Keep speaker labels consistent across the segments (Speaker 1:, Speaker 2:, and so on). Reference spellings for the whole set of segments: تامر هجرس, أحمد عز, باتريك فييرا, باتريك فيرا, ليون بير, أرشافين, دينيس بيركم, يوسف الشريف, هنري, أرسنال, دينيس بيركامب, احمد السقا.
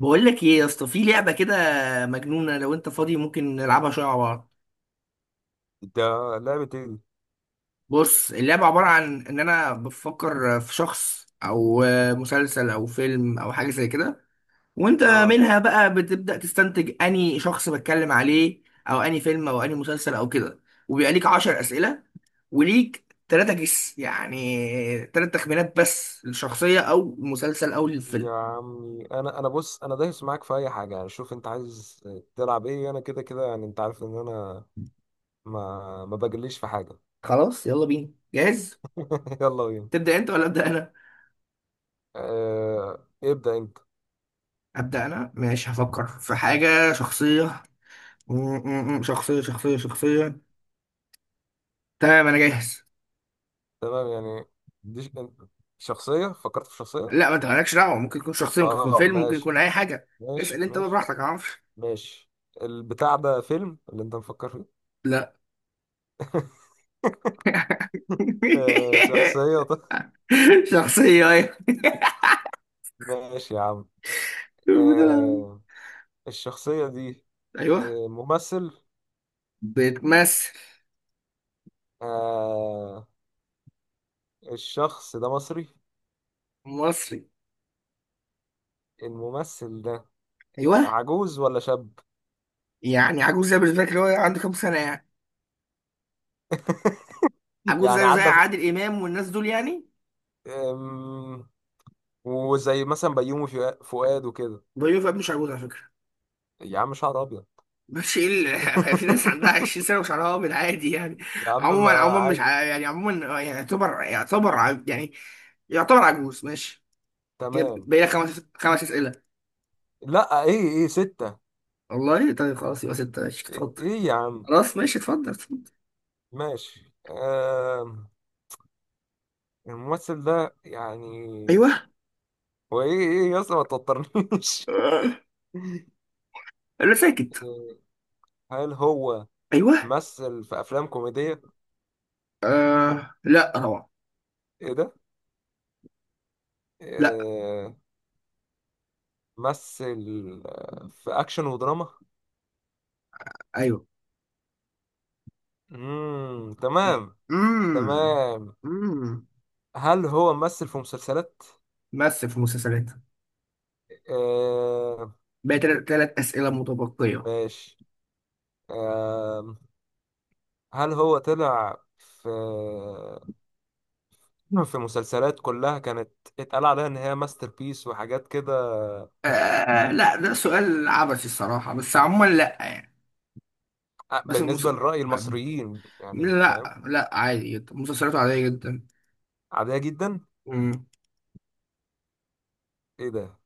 Speaker 1: بقول لك ايه يا اسطى، في لعبه كده مجنونه. لو انت فاضي ممكن نلعبها شويه مع بعض.
Speaker 2: ده لعبة ايه دي؟
Speaker 1: بص، اللعبه عباره عن ان انا بفكر في شخص او مسلسل او فيلم او حاجه زي كده، وانت
Speaker 2: اه
Speaker 1: منها بقى بتبدا تستنتج اني شخص بتكلم عليه او اني فيلم او اني مسلسل او كده. وبيبقى ليك 10 اسئله، وليك تلاتة جس يعني تلات تخمينات بس للشخصيه او المسلسل او
Speaker 2: يا
Speaker 1: الفيلم.
Speaker 2: عمي، انا بص، انا دايس معاك في اي حاجة يعني. شوف انت عايز تلعب ايه، انا كده كده يعني، انت عارف ان انا ما بجليش في حاجة.
Speaker 1: خلاص يلا بينا، جاهز؟
Speaker 2: يلا بينا.
Speaker 1: تبدا انت ولا ابدا؟
Speaker 2: آه، ابدأ انت.
Speaker 1: أبدأ أنا، ماشي. هفكر في حاجة شخصية. م- شخصية شخصية شخصية. تمام، أنا جاهز.
Speaker 2: تمام يعني، دي شخصية، فكرت في شخصية.
Speaker 1: لا، ما أنت مالكش دعوة، ممكن يكون شخصية ممكن يكون
Speaker 2: اه،
Speaker 1: فيلم ممكن
Speaker 2: ماشي
Speaker 1: يكون أي حاجة.
Speaker 2: ماشي
Speaker 1: اسأل أنت بقى
Speaker 2: ماشي
Speaker 1: براحتك، معرفش.
Speaker 2: ماشي. البتاع ده فيلم اللي انت مفكر فيه؟
Speaker 1: لا.
Speaker 2: آه، شخصية طيب.
Speaker 1: شخصية أيوه.
Speaker 2: ماشي يا عم.
Speaker 1: بتلعب.
Speaker 2: آه، الشخصية دي.
Speaker 1: أيوه.
Speaker 2: آه، ممثل.
Speaker 1: بتمثل.
Speaker 2: آه، الشخص ده مصري.
Speaker 1: مصري.
Speaker 2: الممثل ده. آه،
Speaker 1: أيوه.
Speaker 2: عجوز ولا شاب؟
Speaker 1: يعني عجوز زي بالنسبة لك اللي هو عنده كام سنة يعني؟ عجوز
Speaker 2: يعني
Speaker 1: زي زي
Speaker 2: عدى
Speaker 1: عادل إمام والناس دول يعني.
Speaker 2: آم، وزي مثلا بيومي فؤاد وكده.
Speaker 1: بيوفي مش عجوز على فكرة.
Speaker 2: يا عم، شعر ابيض.
Speaker 1: مش ايه ال- في ناس عندها 20 سنه وشعرها ابيض عادي يعني.
Speaker 2: يا عم،
Speaker 1: عموما
Speaker 2: ما...
Speaker 1: عموما مش
Speaker 2: عادي.
Speaker 1: ع- يعني عموما يعني يعتبر يعتبر عجوز ماشي. كده
Speaker 2: تمام.
Speaker 1: بقى لك خمس اسئله.
Speaker 2: لا، ايه ستة.
Speaker 1: والله طيب خلاص، يبقى سته ماشي،
Speaker 2: ايه
Speaker 1: اتفضل.
Speaker 2: إيه يا عم.
Speaker 1: خلاص ماشي، اتفضل اتفضل.
Speaker 2: ماشي. الممثل ده يعني.
Speaker 1: ايوه.
Speaker 2: هو ايه يا اسطى، ما توترنيش.
Speaker 1: آه. لا، ساكت.
Speaker 2: هل هو
Speaker 1: ايوه.
Speaker 2: مثل في افلام كوميدية؟
Speaker 1: آه. لا طبعا.
Speaker 2: ايه ده.
Speaker 1: لا.
Speaker 2: آه، مثل في اكشن ودراما.
Speaker 1: ايوه.
Speaker 2: تمام.
Speaker 1: امم.
Speaker 2: تمام.
Speaker 1: امم.
Speaker 2: هل هو ممثل في مسلسلات؟
Speaker 1: مثل في مسلسلات.
Speaker 2: آه،
Speaker 1: بقى ثلاث اسئله متبقيه.
Speaker 2: ماشي. آه، هل هو طلع في في مسلسلات كلها كانت اتقال عليها ان هي ماستر بيس وحاجات كده؟
Speaker 1: آه لا، ده سؤال عبثي الصراحة، بس عموما لا يعني.
Speaker 2: آه،
Speaker 1: بس المس...
Speaker 2: بالنسبة لرأي
Speaker 1: ما-
Speaker 2: المصريين يعني، فاهم.
Speaker 1: لا لا، عادي جدا، مسلسلاته عادية جدا.
Speaker 2: عادية جدا.
Speaker 1: مم.
Speaker 2: ايه ده.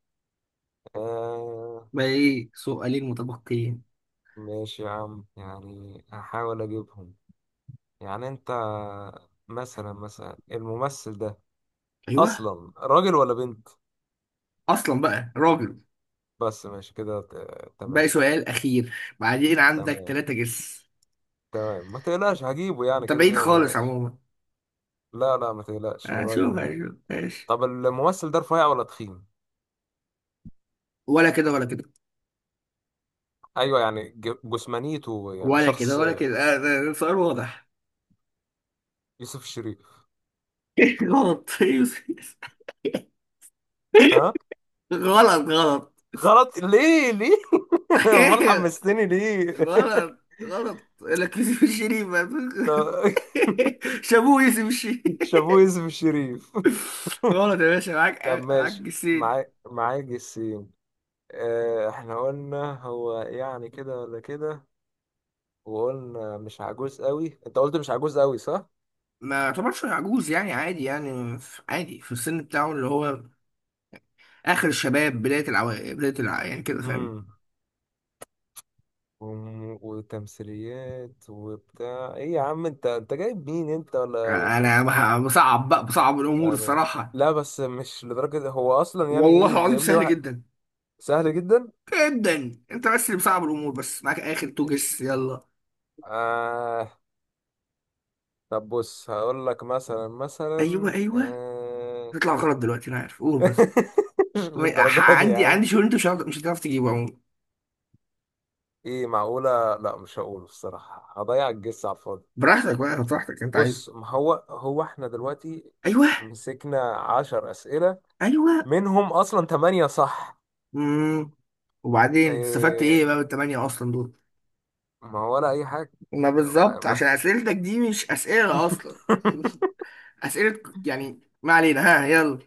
Speaker 2: آه،
Speaker 1: باقي سؤالين متبقيين.
Speaker 2: ماشي يا عم، يعني هحاول اجيبهم. يعني انت، مثلا الممثل ده،
Speaker 1: ايوه.
Speaker 2: اصلا راجل ولا بنت؟
Speaker 1: اصلا بقى راجل.
Speaker 2: بس ماشي كده،
Speaker 1: باقي
Speaker 2: تمام.
Speaker 1: سؤال اخير. بعدين عندك
Speaker 2: تمام
Speaker 1: ثلاثة جس.
Speaker 2: تمام، ما تقلقش هجيبه يعني
Speaker 1: انت
Speaker 2: كده
Speaker 1: بعيد
Speaker 2: كده، ما
Speaker 1: خالص
Speaker 2: تقلقش.
Speaker 1: عموما.
Speaker 2: لا لا، ما تقلقش، قريب
Speaker 1: اشوف
Speaker 2: منه.
Speaker 1: اشوف ماشي.
Speaker 2: طب الممثل ده رفيع ولا تخين؟
Speaker 1: ولا كده ولا كده.
Speaker 2: ايوه يعني، جسمانيته يعني
Speaker 1: ولا كده
Speaker 2: شخص.
Speaker 1: ولا كده آه، ده- ده سؤال واضح.
Speaker 2: يوسف الشريف.
Speaker 1: غلط
Speaker 2: ها؟
Speaker 1: غلط غلط.
Speaker 2: غلط، ليه؟ امال حمستني ليه؟
Speaker 1: غلط. غلط لك يوسف الشريف.
Speaker 2: طب.
Speaker 1: شابوه يوسف الشريف.
Speaker 2: شابوه يوسف الشريف.
Speaker 1: غلط يا باشا، معاك.
Speaker 2: طب
Speaker 1: معاك
Speaker 2: ماشي.
Speaker 1: جسيد.
Speaker 2: معاك السين. اه، احنا قلنا هو يعني كده ولا كده، وقلنا مش عجوز قوي، انت قلت مش عجوز قوي، صح؟
Speaker 1: ما يعتبرش عجوز يعني، عادي يعني عادي في السن بتاعه اللي هو اخر الشباب، بدايه العو... بدايه الع... يعني كده، فاهم.
Speaker 2: امم. وتمثيليات وبتاع، ايه يا عم، انت جايب مين، انت ولا...
Speaker 1: بصعب بقى بصعب الامور
Speaker 2: يعني.
Speaker 1: الصراحه.
Speaker 2: لا بس مش لدرجة، هو اصلا يعني
Speaker 1: والله
Speaker 2: ايه
Speaker 1: العظيم
Speaker 2: جايب لي
Speaker 1: سهل
Speaker 2: واحد.
Speaker 1: جدا.
Speaker 2: سهل جدا.
Speaker 1: جدا، انت بس اللي بصعب الامور. بس معاك اخر تو جس، يلا.
Speaker 2: آه. طب بص، هقول لك مثلا
Speaker 1: ايوه
Speaker 2: مثلا
Speaker 1: ايوه. هتطلع غلط دلوقتي انا عارف، قول بس.
Speaker 2: مش للدرجة دي يا
Speaker 1: عندي
Speaker 2: عم.
Speaker 1: عندي شغل، انت مش هتعرف مش هتعرف تجيبه عموما.
Speaker 2: ايه معقولة؟ لا مش هقوله الصراحة، هضيع الجس على الفاضي.
Speaker 1: براحتك بقى براحتك، انت عايز.
Speaker 2: بص، ما هو احنا دلوقتي
Speaker 1: ايوه
Speaker 2: مسكنا 10 أسئلة،
Speaker 1: ايوه.
Speaker 2: منهم أصلا 8، صح؟
Speaker 1: امم. وبعدين استفدت ايه
Speaker 2: إيه؟
Speaker 1: بقى بالتمانية اصلا دول؟
Speaker 2: ما هو ولا أي حاجة.
Speaker 1: ما
Speaker 2: ما
Speaker 1: بالظبط،
Speaker 2: ما
Speaker 1: عشان اسئلتك دي مش اسئله اصلا. اسئله يعني، ما علينا، ها يلا.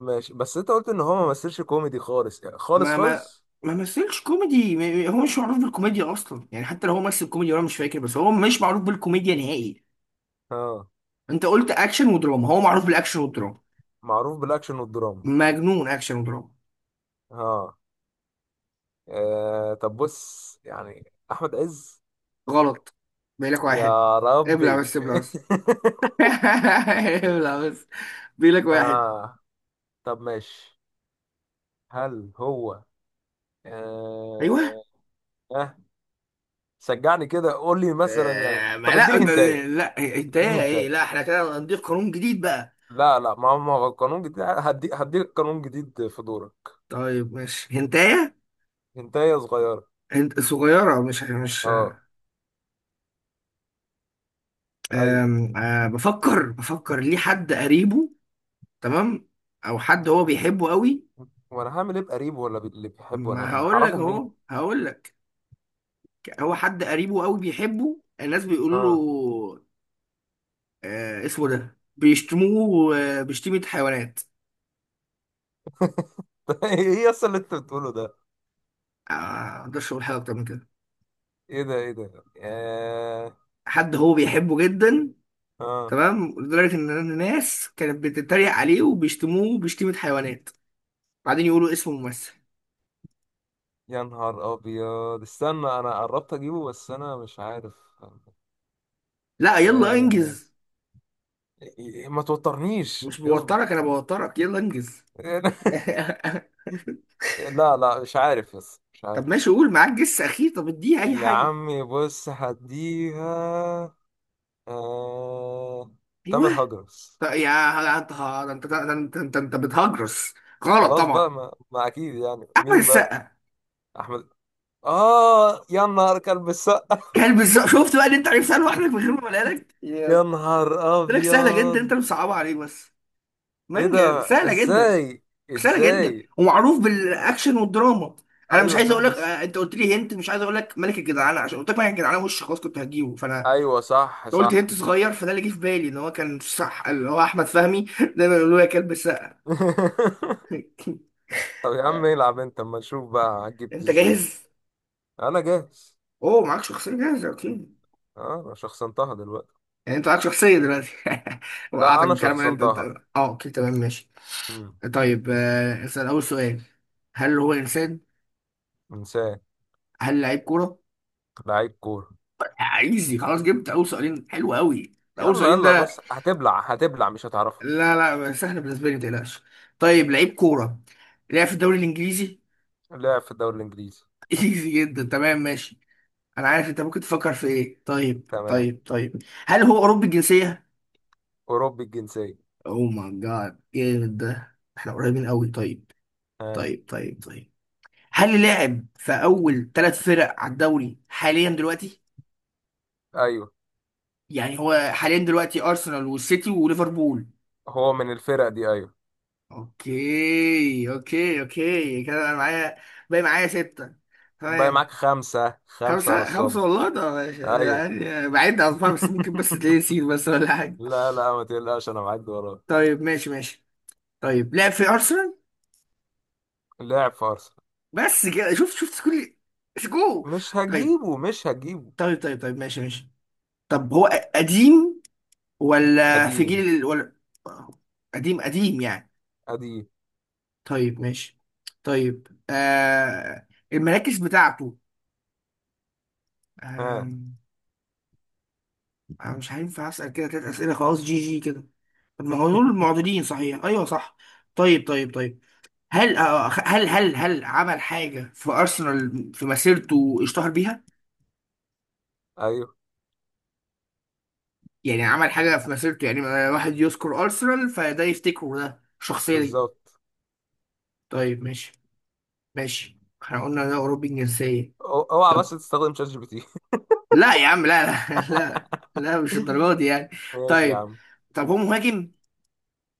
Speaker 2: ماشي. بس أنت قلت إن هو ما مثلش كوميدي خالص، يعني خالص
Speaker 1: ما
Speaker 2: خالص.
Speaker 1: ما مثلش كوميدي، هو مش معروف بالكوميديا اصلا يعني، حتى لو هو مثل كوميدي وانا مش فاكر، بس هو مش معروف بالكوميديا نهائي.
Speaker 2: اه،
Speaker 1: انت قلت اكشن ودراما، هو معروف بالاكشن والدراما.
Speaker 2: معروف بالأكشن والدراما.
Speaker 1: مجنون اكشن ودراما.
Speaker 2: اه. آه، طب بص يعني أحمد عز.
Speaker 1: غلط. بيقول لك واحد.
Speaker 2: يا
Speaker 1: ابلع
Speaker 2: ربي.
Speaker 1: بس، ابلع بس. ابلع بس. بيقول لك واحد.
Speaker 2: آه، طب ماشي. هل هو
Speaker 1: ايوه.
Speaker 2: آه آه، شجعني كده، قول لي مثلا يعني.
Speaker 1: آه، ما
Speaker 2: طب
Speaker 1: لا
Speaker 2: اديني
Speaker 1: انت.
Speaker 2: هنتايه.
Speaker 1: لا
Speaker 2: اديني
Speaker 1: هنتايه ايه،
Speaker 2: هنتايه.
Speaker 1: لا احنا كده هنضيف قانون جديد بقى.
Speaker 2: لا لا، ما هو قانون جديد، هديك قانون جديد في دورك.
Speaker 1: طيب ماشي هنتايه.
Speaker 2: هنتايه صغيره.
Speaker 1: هنت صغيرة مش مش.
Speaker 2: اه. ايوه.
Speaker 1: آم، آه، بفكر ليه، حد قريبه. تمام. او حد هو بيحبه قوي.
Speaker 2: وانا هعمل ايه بقريب ولا اللي بيحبه،
Speaker 1: ما
Speaker 2: انا
Speaker 1: هقول لك
Speaker 2: هعرفه منين؟
Speaker 1: اهو، هقول لك. هو حد قريبه قوي بيحبه، الناس بيقولوا
Speaker 2: اه.
Speaker 1: له آه، اسمه ده بيشتموه آه، بشتيمة حيوانات.
Speaker 2: طب ايه اصلا اللي انت بتقوله ده؟
Speaker 1: آه، ما اقدرش اقول حاجة اكتر من كده.
Speaker 2: ايه ده، ايه ده؟ آه.
Speaker 1: حد هو بيحبه جدا.
Speaker 2: اه،
Speaker 1: تمام، لدرجه ان الناس كانت بتتريق عليه وبيشتموه بشتيمه حيوانات. بعدين يقولوا اسم ممثل.
Speaker 2: يا نهار ابيض، استنى. انا قربت اجيبه بس انا مش عارف.
Speaker 1: لا يلا
Speaker 2: آه.
Speaker 1: انجز.
Speaker 2: ما توترنيش،
Speaker 1: مش
Speaker 2: اصبر.
Speaker 1: بوترك، انا بوترك. يلا انجز.
Speaker 2: لا لا، مش عارف، بس مش
Speaker 1: طب
Speaker 2: عارف.
Speaker 1: ماشي، قول معاك جس اخير، طب اديه اي
Speaker 2: يا
Speaker 1: حاجه.
Speaker 2: عمي، بص، هديها. آه... تامر
Speaker 1: ايوه.
Speaker 2: هجرس.
Speaker 1: طب يا انت ده، انت ده، انت بتهجرس. غلط
Speaker 2: خلاص
Speaker 1: طبعا.
Speaker 2: بقى، ما اكيد يعني
Speaker 1: احمد
Speaker 2: مين بقى؟
Speaker 1: السقا.
Speaker 2: احمد. اه، يا نهار، كلب السقا.
Speaker 1: كلب السقا، شفت بقى ان انت عرفت سهل لوحدك من غير ما اقولها لك يا.
Speaker 2: يا نهار
Speaker 1: قلت لك سهله جدا،
Speaker 2: ابيض.
Speaker 1: انت اللي مصعبها عليه بس.
Speaker 2: ايه ده.
Speaker 1: مانجا سهله جدا.
Speaker 2: ازاي؟
Speaker 1: قصيره جدا
Speaker 2: ازاي؟
Speaker 1: ومعروف بالاكشن والدراما. انا مش
Speaker 2: ايوه
Speaker 1: عايز
Speaker 2: صح،
Speaker 1: اقول لك
Speaker 2: بس.
Speaker 1: آه، انت قلت لي هنت، مش عايز اقول لك ملك الجدعانه عشان قلت لك ملك الجدعانه وش خلاص كنت هجيبه فانا.
Speaker 2: ايوه صح
Speaker 1: لو قلت
Speaker 2: صح.
Speaker 1: هنت صغير فده اللي جه في بالي ان هو كان صح، اللي هو احمد فهمي. دايما يقولوا له يا كلب السقا.
Speaker 2: طب يا عم،
Speaker 1: آه،
Speaker 2: العب انت اما نشوف بقى هتجيب
Speaker 1: انت
Speaker 2: ازاي.
Speaker 1: جاهز؟
Speaker 2: انا جاهز.
Speaker 1: اوه، معاك شخصيه جاهزه، اوكي.
Speaker 2: آه، انا شخصنتها دلوقتي.
Speaker 1: يعني انت معاك شخصيه دلوقتي.
Speaker 2: لا،
Speaker 1: وقعتك
Speaker 2: انا
Speaker 1: بالكلام اللي انت.
Speaker 2: شخصنتها.
Speaker 1: اه، اوكي تمام ماشي.
Speaker 2: مم.
Speaker 1: طيب آه، اسال اول سؤال. هل هو انسان؟
Speaker 2: انسان.
Speaker 1: هل لعيب كوره؟
Speaker 2: لعيب كورة.
Speaker 1: ايزي خلاص، جبت اول سؤالين، حلو قوي. اول
Speaker 2: يلا
Speaker 1: سؤالين
Speaker 2: يلا،
Speaker 1: ده.
Speaker 2: بس هتبلع هتبلع، مش هتعرفه.
Speaker 1: لا لا، سهل بالنسبه لي، ما تقلقش. طيب لعيب كوره. لعب في الدوري الانجليزي.
Speaker 2: لعب في الدوري الانجليزي.
Speaker 1: ايزي جدا، تمام ماشي. انا عارف انت ممكن تفكر في ايه. طيب
Speaker 2: تمام.
Speaker 1: طيب طيب، هل هو اوروبي الجنسيه؟
Speaker 2: اوروبي الجنسيه.
Speaker 1: او ماي جاد جامد، ده احنا قريبين قوي. طيب
Speaker 2: ها؟
Speaker 1: طيب طيب طيب، هل لعب في اول ثلاث فرق على الدوري حاليا دلوقتي؟
Speaker 2: ايوه.
Speaker 1: يعني هو حاليا دلوقتي ارسنال والسيتي وليفربول.
Speaker 2: هو من الفرق دي، ايوه.
Speaker 1: اوكي اوكي اوكي، كده انا معايا. باقي معايا ستة.
Speaker 2: باقي
Speaker 1: تمام.
Speaker 2: معاك خمسه خمسه يا
Speaker 1: خمسة
Speaker 2: نصاب.
Speaker 1: خمسة والله ده ماشي.
Speaker 2: ايوه.
Speaker 1: يعني بعيد أصفار، بس ممكن بس تلاقيه نسيت بس ولا حاجة.
Speaker 2: لا لا، ما تقلقش، انا معاك وراك.
Speaker 1: طيب ماشي ماشي. طيب لعب في أرسنال.
Speaker 2: لاعب في ارسنال.
Speaker 1: بس كده، شفت شفت كل سكو.
Speaker 2: مش
Speaker 1: طيب
Speaker 2: هتجيبه مش هتجيبه.
Speaker 1: طيب طيب طيب ماشي ماشي. طب هو قديم ولا في
Speaker 2: قديم.
Speaker 1: ولا، قديم؟ قديم يعني.
Speaker 2: قديم.
Speaker 1: طيب ماشي. طيب آه، المراكز بتاعته.
Speaker 2: ها؟
Speaker 1: أنا مش هينفع أسأل كده تلات أسئلة خلاص، جي جي كده. طب ما هو دول معضلين صحيح، أيوه صح. طيب طيب طيب، هل آه، هل عمل حاجة في أرسنال في مسيرته اشتهر بيها؟
Speaker 2: ايوه،
Speaker 1: يعني عمل حاجة في مسيرته يعني آه، واحد يذكر أرسنال فده يفتكره، ده الشخصية دي.
Speaker 2: بالظبط.
Speaker 1: طيب ماشي ماشي. احنا قلنا ده أوروبي الجنسية.
Speaker 2: اوعى بس
Speaker 1: طب.
Speaker 2: تستخدم شات جي بي تي.
Speaker 1: لا يا عم، لا لا. لا. لا مش الدرجة دي يعني.
Speaker 2: ماشي يا
Speaker 1: طيب.
Speaker 2: عم.
Speaker 1: طب هو مهاجم؟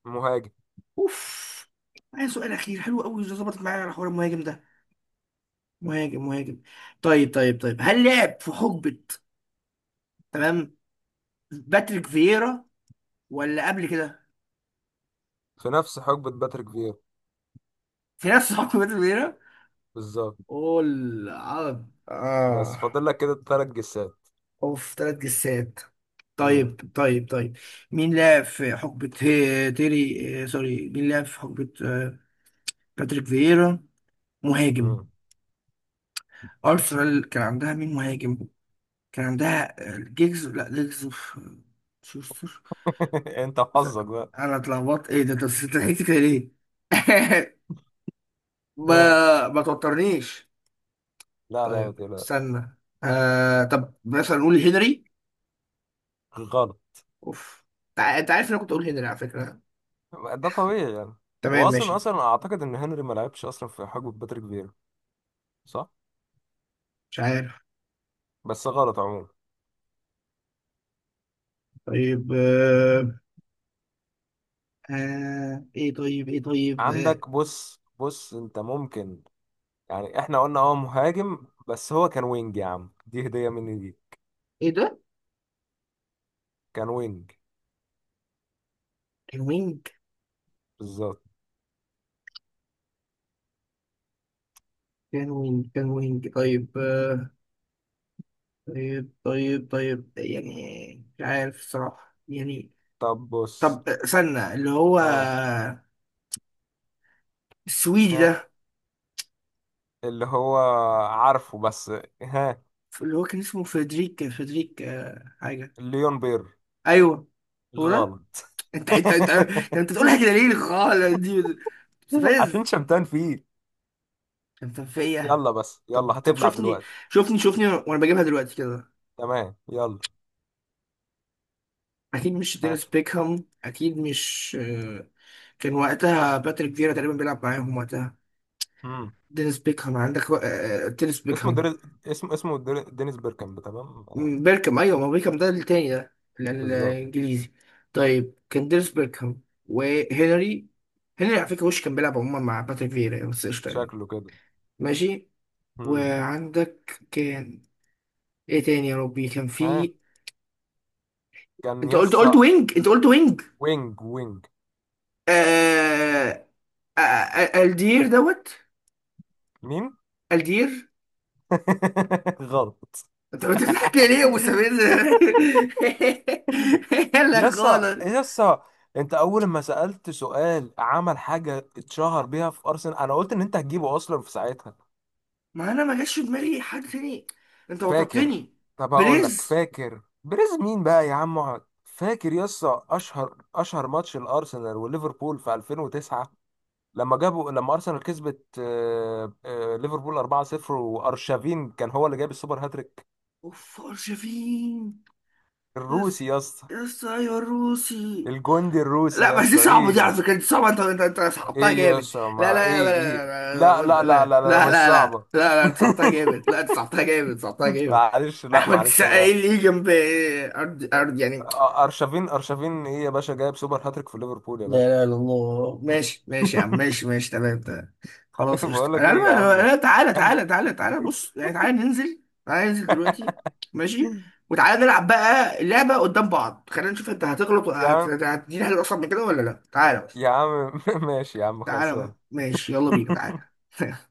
Speaker 2: مهاجم.
Speaker 1: أوف. معايا سؤال أخير، حلو أوي، ظبطت معايا على حوار المهاجم ده. مهاجم مهاجم. طيب طيب طيب، هل لعب في حقبة، تمام، باتريك فييرا ولا قبل كده؟
Speaker 2: في نفس حقبة باتريك فيرا.
Speaker 1: في نفس حقبة باتريك فييرا.
Speaker 2: بالظبط.
Speaker 1: قول، عرض
Speaker 2: بس
Speaker 1: اه.
Speaker 2: فاضل لك كده 3 جسات.
Speaker 1: اوف ثلاث جسات.
Speaker 2: مم.
Speaker 1: طيب طيب طيب، مين لعب في تيري آه، سوري، مين لعب في حقبة آه، باتريك فييرا مهاجم.
Speaker 2: مم.
Speaker 1: أرسنال كان عندها مين مهاجم. كان عندها آه، جيجز، لا جيجز في- شوستر.
Speaker 2: انت وحظك بقى.
Speaker 1: انا اتلخبطت، ايه ده انت ضحكت كده ليه؟ ما
Speaker 2: آه.
Speaker 1: ما توترنيش.
Speaker 2: لا لا، ما
Speaker 1: طيب
Speaker 2: تقلقش.
Speaker 1: استنى. آه... طب مثلا نقول هنري؟
Speaker 2: غلط.
Speaker 1: اوف. انت عارف ان انا كنت اقول هنري على فكرة.
Speaker 2: ده طبيعي يعني.
Speaker 1: تمام
Speaker 2: واصلا
Speaker 1: ماشي.
Speaker 2: اصلا اعتقد ان هنري ما لعبش اصلا في حقبه باتريك فيرا، صح؟
Speaker 1: مش عارف.
Speaker 2: بس غلط عموما.
Speaker 1: طيب آه... آه... ايه طيب ايه طيب آه...
Speaker 2: عندك، بص بص، انت ممكن، يعني احنا قلنا اه مهاجم، بس هو كان وينج، يا عم دي هديه مني دي.
Speaker 1: ايه ده.
Speaker 2: كان وينج.
Speaker 1: كان وينج.
Speaker 2: بالظبط.
Speaker 1: كان وينج. كان وينج. طيب آه... طيب طيب طيب يعني مش عارف الصراحة يعني.
Speaker 2: طب بص.
Speaker 1: طب استنى، اللي هو
Speaker 2: ها.
Speaker 1: السويدي
Speaker 2: ها.
Speaker 1: ده.
Speaker 2: اللي هو عارفه بس. ها.
Speaker 1: اللي هو كان اسمه فريدريك آه، حاجة.
Speaker 2: ليون بير.
Speaker 1: أيوه، هو ده.
Speaker 2: غلط.
Speaker 1: أنت كان أنت بتقولها كده ليه خالص دي،
Speaker 2: عشان
Speaker 1: مستفز.
Speaker 2: شمتان فيه.
Speaker 1: أنت فيا.
Speaker 2: يلا بس
Speaker 1: طب
Speaker 2: يلا،
Speaker 1: طب،
Speaker 2: هتبلع
Speaker 1: شوفني
Speaker 2: دلوقتي.
Speaker 1: شوفني شوفني وأنا بجيبها دلوقتي كده.
Speaker 2: تمام، يلا.
Speaker 1: أكيد مش
Speaker 2: ها.
Speaker 1: دينيس بيكهام، أكيد مش آه، كان وقتها باتريك فيرا تقريبا بيلعب معاهم وقتها.
Speaker 2: مم.
Speaker 1: دينيس بيكهام عندك و... آه، دينيس
Speaker 2: اسمه
Speaker 1: بيكهام.
Speaker 2: دري... اسمه دينيس بيركامب، تمام.
Speaker 1: مم، بيركم ايوه، ما بيركم ده التاني ده،
Speaker 2: بالظبط.
Speaker 1: الانجليزي. طيب كان ديريس بيركم وهنري. هنري على فكره وش كان بيلعب عموما مع باتريك فيرا يعني، بس قشطه يعني.
Speaker 2: شكله كده.
Speaker 1: ماشي.
Speaker 2: مم.
Speaker 1: وعندك كان، ايه تاني يا ربي كان
Speaker 2: ها.
Speaker 1: في.
Speaker 2: كان
Speaker 1: انت قلت
Speaker 2: يسا.
Speaker 1: وينج، انت قلت وينج.
Speaker 2: وينج وينج.
Speaker 1: آه... آه... آه... الدير دوت.
Speaker 2: مين؟
Speaker 1: الدير.
Speaker 2: غلط.
Speaker 1: انت بتضحك ليه يا ابو سمير؟ لا
Speaker 2: يسا
Speaker 1: خالص.
Speaker 2: يسا. انت اول ما سألت سؤال عمل حاجة اتشهر بيها في ارسنال، انا قلت ان انت هتجيبه اصلا في ساعتها.
Speaker 1: ما انا ما جاش في دماغي حد تاني، انت
Speaker 2: فاكر.
Speaker 1: وترتني.
Speaker 2: طب هقول لك،
Speaker 1: بليز.
Speaker 2: فاكر بريز مين بقى يا عم، اقعد فاكر يسا، اشهر ماتش الارسنال وليفربول في 2009، لما ارسنال كسبت، ليفربول 4-0، وارشافين كان هو اللي جاب السوبر هاتريك.
Speaker 1: اوف أرجفين. يس.
Speaker 2: الروسي، يسا.
Speaker 1: يس ايوه الروسي.
Speaker 2: الجندي الروسي،
Speaker 1: لا بس دي
Speaker 2: يسا
Speaker 1: صعبة دي
Speaker 2: ايه.
Speaker 1: على فكرة، دي صعبة، انت صعبتها
Speaker 2: ايه
Speaker 1: جامد.
Speaker 2: يسا،
Speaker 1: لا
Speaker 2: ما
Speaker 1: لا
Speaker 2: ايه.
Speaker 1: لا
Speaker 2: لا
Speaker 1: لا
Speaker 2: لا
Speaker 1: لا
Speaker 2: لا
Speaker 1: لا
Speaker 2: لا لا، لا مش
Speaker 1: لا لا لا
Speaker 2: صعبة.
Speaker 1: لا، انت صعبتها جامد، لا انت صعبتها جامد، صعبتها جامد.
Speaker 2: معلش، لا
Speaker 1: احمد
Speaker 2: معلش
Speaker 1: السقا ايه
Speaker 2: انا...
Speaker 1: اللي يجي جنب. ارض ارض
Speaker 2: أ-
Speaker 1: يعني.
Speaker 2: ارشافين ايه يا باشا، جايب سوبر هاتريك في ليفربول يا
Speaker 1: لا
Speaker 2: باشا.
Speaker 1: لا لا، الله ماشي ماشي يا عم، ماشي ماشي تمام تمام. خلاص قشطة،
Speaker 2: بقول لك
Speaker 1: انا عارف-
Speaker 2: ايه يا عم،
Speaker 1: انا أنا- تعالى
Speaker 2: احنا...
Speaker 1: تعالى تعالى تعالى بص يعني، تعالى ننزل، تعالى ننزل دلوقتي. ماشي. وتعالى نلعب بقى اللعبة قدام بعض، خلينا نشوف انت هتغلط
Speaker 2: يا عم،
Speaker 1: هتديني حاجة اصلا من كده ولا لا، تعالى بس.
Speaker 2: يا عم. ماشي يا عم
Speaker 1: تعالى
Speaker 2: خلصان.
Speaker 1: بقى. ماشي، يلا بينا، تعالى.